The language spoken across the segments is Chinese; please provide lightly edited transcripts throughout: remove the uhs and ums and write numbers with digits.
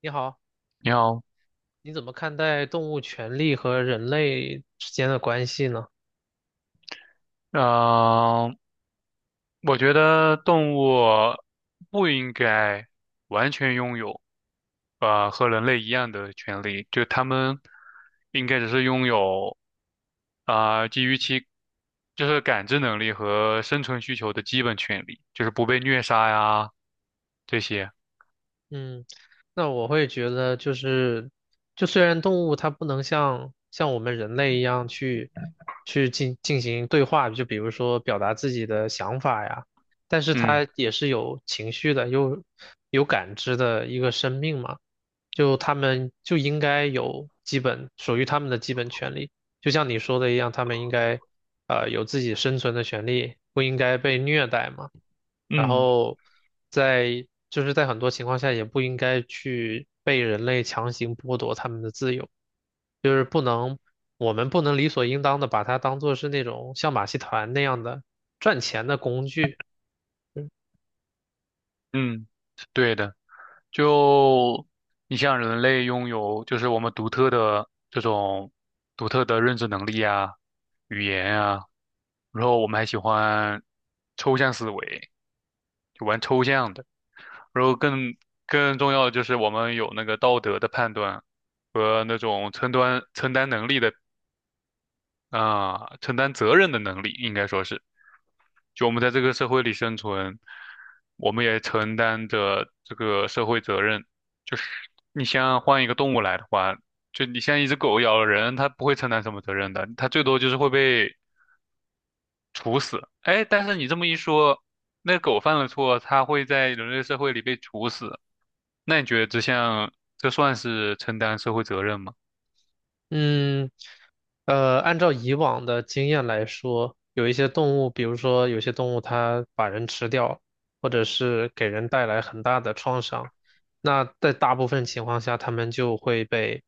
你好，你好，你怎么看待动物权利和人类之间的关系呢？呃，我觉得动物不应该完全拥有和人类一样的权利，就它们应该只是拥有基于其就是感知能力和生存需求的基本权利，就是不被虐杀呀这些。嗯，那我会觉得就是，就虽然动物它不能像我们人类一样去进行对话，就比如说表达自己的想法呀，但是嗯它也是有情绪的，有感知的一个生命嘛，就它们就应该有基本属于它们的基本权利，就像你说的一样，它们应该有自己生存的权利，不应该被虐待嘛。然嗯后在就是在很多情况下也不应该去被人类强行剥夺他们的自由，就是不能，我们不能理所应当的把它当做是那种像马戏团那样的赚钱的工具。嗯，对的。就你像人类拥有就是我们独特的认知能力啊、语言啊，然后我们还喜欢抽象思维，就玩抽象的。然后更重要的就是我们有那个道德的判断和那种承担能力的承担责任的能力，应该说是，就我们在这个社会里生存，我们也承担着这个社会责任。就是你像换一个动物来的话，就你像一只狗咬了人，它不会承担什么责任的，它最多就是会被处死。哎，但是你这么一说，那狗犯了错，它会在人类社会里被处死，那你觉得这算是承担社会责任吗？嗯，按照以往的经验来说，有一些动物，比如说有些动物它把人吃掉，或者是给人带来很大的创伤，那在大部分情况下，它们就会被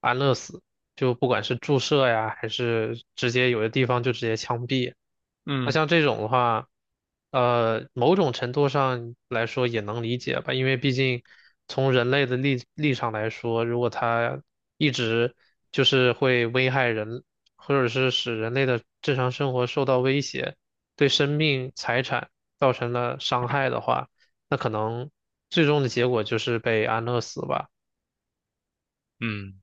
安乐死，就不管是注射呀，还是直接有的地方就直接枪毙。那嗯像这种的话，某种程度上来说也能理解吧，因为毕竟从人类的立场来说，如果它一直就是会危害人，或者是使人类的正常生活受到威胁，对生命财产造成了伤害的话，那可能最终的结果就是被安乐死吧。嗯。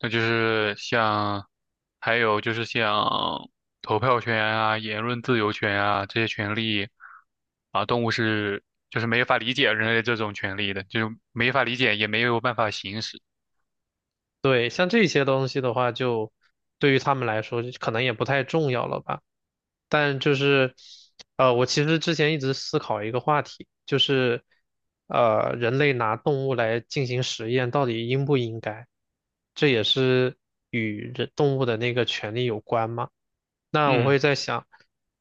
那就是像，还有就是像投票权啊、言论自由权啊这些权利啊，动物是就是没法理解人类这种权利的，就是没法理解，也没有办法行使。对，像这些东西的话，就对于他们来说，就可能也不太重要了吧。但就是，我其实之前一直思考一个话题，就是，人类拿动物来进行实验，到底应不应该？这也是与人动物的那个权利有关嘛。那我嗯会在想，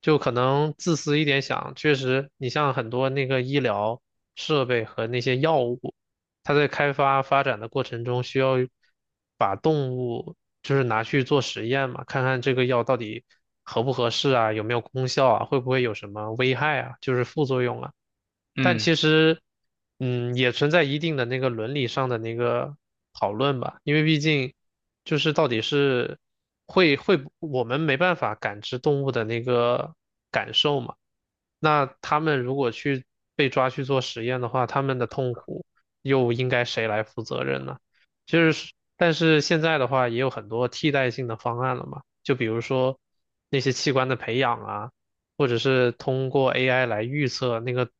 就可能自私一点想，确实，你像很多那个医疗设备和那些药物。它在开发发展的过程中，需要把动物就是拿去做实验嘛，看看这个药到底合不合适啊，有没有功效啊，会不会有什么危害啊，就是副作用啊。但其嗯实，也存在一定的那个伦理上的那个讨论吧，因为毕竟就是到底是会会不我们没办法感知动物的那个感受嘛。那他们如果去被抓去做实验的话，他们的痛苦，又应该谁来负责任呢？就是，但是现在的话也有很多替代性的方案了嘛，就比如说那些器官的培养啊，或者是通过 AI 来预测那个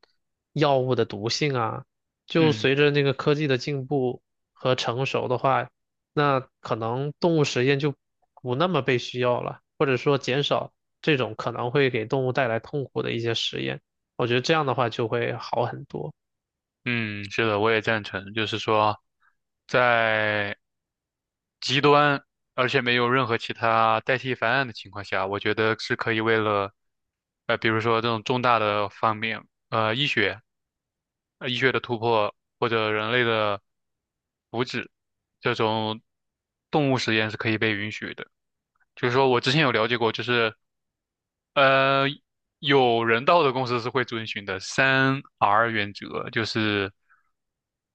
药物的毒性啊，就嗯随着那个科技的进步和成熟的话，那可能动物实验就不那么被需要了，或者说减少这种可能会给动物带来痛苦的一些实验，我觉得这样的话就会好很多。嗯，是的，我也赞成，就是说，在极端而且没有任何其他代替方案的情况下，我觉得是可以为了，比如说这种重大的方面。医学医学的突破或者人类的福祉，这种动物实验是可以被允许的。就是说我之前有了解过，就是呃，有人道的公司是会遵循的三 R 原则，就是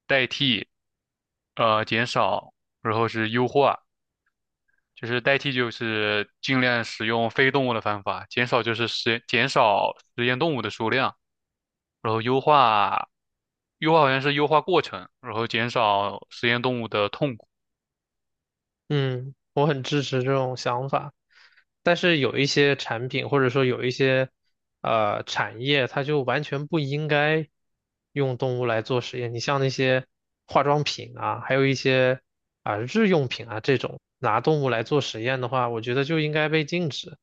代替、减少，然后是优化。就是代替就是尽量使用非动物的方法，减少就是减少实验动物的数量，然后优化好像是优化过程，然后减少实验动物的痛苦。嗯，我很支持这种想法，但是有一些产品或者说有一些产业，它就完全不应该用动物来做实验。你像那些化妆品啊，还有一些啊、日用品啊这种拿动物来做实验的话，我觉得就应该被禁止。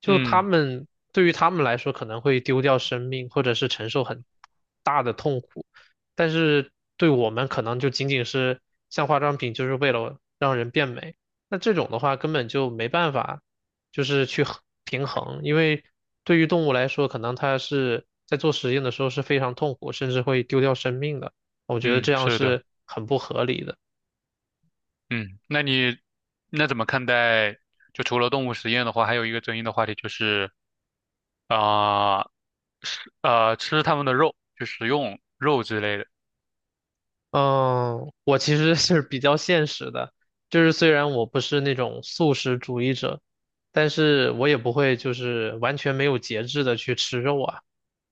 就他嗯们对于他们来说可能会丢掉生命，或者是承受很大的痛苦。但是对我们可能就仅仅是像化妆品，就是为了让人变美。那这种的话根本就没办法，就是去平衡，因为对于动物来说，可能它是在做实验的时候是非常痛苦，甚至会丢掉生命的。我觉得嗯，这样是的，是很不合理的。嗯，那你怎么看待？就除了动物实验的话，还有一个争议的话题就是啊，吃吃它们的肉，就食用肉之类的。嗯，我其实是比较现实的，就是虽然我不是那种素食主义者，但是我也不会就是完全没有节制的去吃肉啊。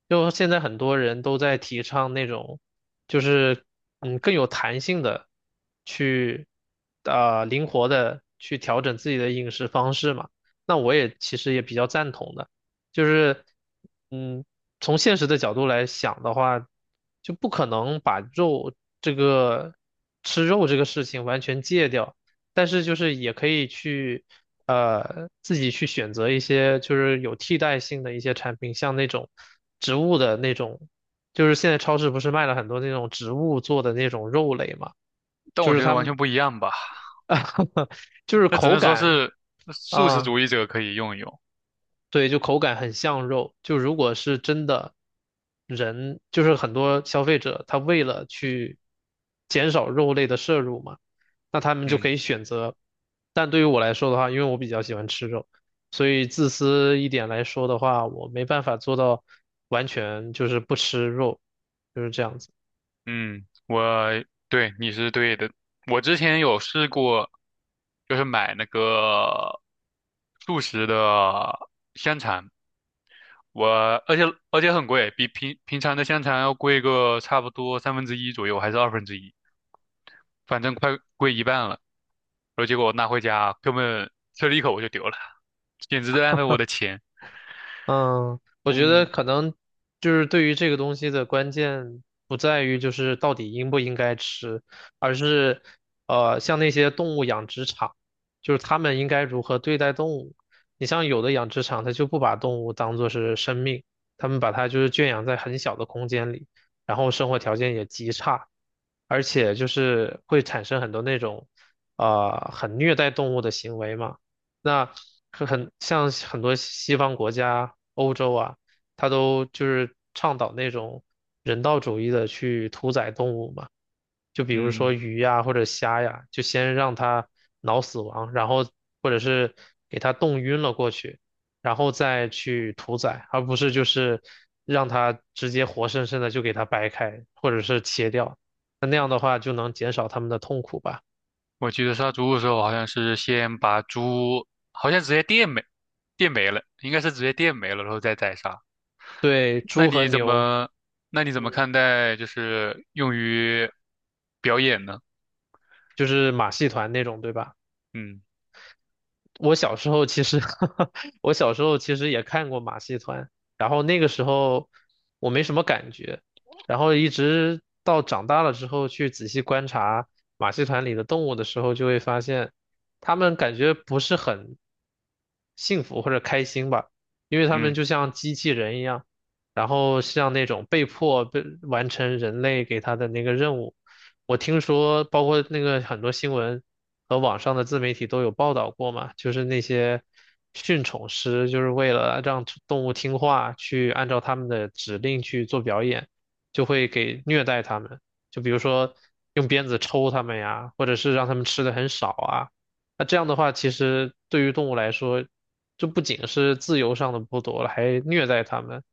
就现在很多人都在提倡那种，就是更有弹性的去，灵活的去调整自己的饮食方式嘛。那我也其实也比较赞同的，就是嗯。从现实的角度来想的话，就不可能把肉这个吃肉这个事情完全戒掉，但是就是也可以去自己去选择一些就是有替代性的一些产品，像那种植物的那种，就是现在超市不是卖了很多那种植物做的那种肉类嘛，但就我是觉得他完们 全不一样吧，就是 那只口能说感是素食啊。主义者可以用一用。对，就口感很像肉。就如果是真的人，就是很多消费者，他为了去减少肉类的摄入嘛，那他们就嗯可以选择。但对于我来说的话，因为我比较喜欢吃肉，所以自私一点来说的话，我没办法做到完全就是不吃肉，就是这样子。嗯，对，你是对的。我之前有试过，就是买那个素食的香肠。我而且而且很贵，比平常的香肠要贵个差不多三分之一左右，还是二分之一，反正快贵一半了。然后结果我拿回家，根本吃了一口我就丢了，简直在浪费我的钱。嗯，我觉得嗯可能就是对于这个东西的关键不在于就是到底应不应该吃，而是像那些动物养殖场，就是他们应该如何对待动物。你像有的养殖场，它就不把动物当做是生命，他们把它就是圈养在很小的空间里，然后生活条件也极差，而且就是会产生很多那种很虐待动物的行为嘛。那可很像很多西方国家、欧洲啊，它都就是倡导那种人道主义的去屠宰动物嘛。就比如说嗯，鱼呀或者虾呀，就先让它脑死亡，然后或者是给它冻晕了过去，然后再去屠宰，而不是就是让它直接活生生的就给它掰开或者是切掉。那样的话就能减少它们的痛苦吧。我记得杀猪的时候好像是先把猪，好像直接电没了，应该是直接电没了，然后再宰杀。对，那猪和你怎牛。么那你怎么嗯看待就是用于表演呢？就是马戏团那种，对吧？嗯我小时候其实 我小时候其实也看过马戏团，然后那个时候我没什么感觉，然后一直到长大了之后去仔细观察马戏团里的动物的时候，就会发现他们感觉不是很幸福或者开心吧，因为他们嗯就像机器人一样，然后像那种被迫被完成人类给他的那个任务。我听说，包括那个很多新闻，和网上的自媒体都有报道过嘛，就是那些驯宠师，就是为了让动物听话，去按照他们的指令去做表演，就会给虐待它们，就比如说用鞭子抽它们呀，或者是让它们吃的很少啊。那这样的话，其实对于动物来说，就不仅是自由上的剥夺了，还虐待它们。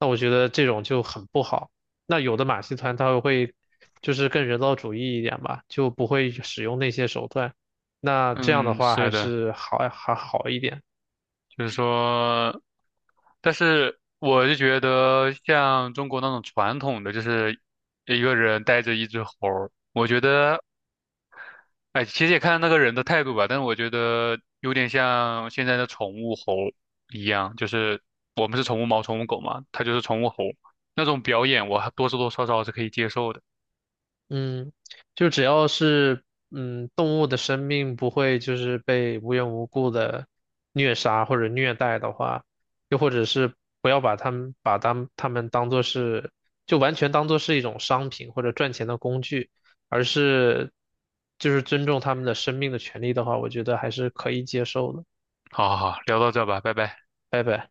那我觉得这种就很不好。那有的马戏团它会就是更人道主义一点吧，就不会使用那些手段。那这样的嗯，话还是的。是还好一点。就是说，但是我就觉得像中国那种传统的，就是一个人带着一只猴儿我觉得，哎，其实也看那个人的态度吧，但是我觉得有点像现在的宠物猴一样，就是我们是宠物猫、宠物狗嘛，它就是宠物猴，那种表演我还多多少少是可以接受的。嗯，就只要是动物的生命不会就是被无缘无故的虐杀或者虐待的话，又或者是不要把它们把它们它们当做是就完全当做是一种商品或者赚钱的工具，而是就是尊重他们的生命的权利的话，我觉得还是可以接受的。好好好，聊到这吧，拜拜。拜拜。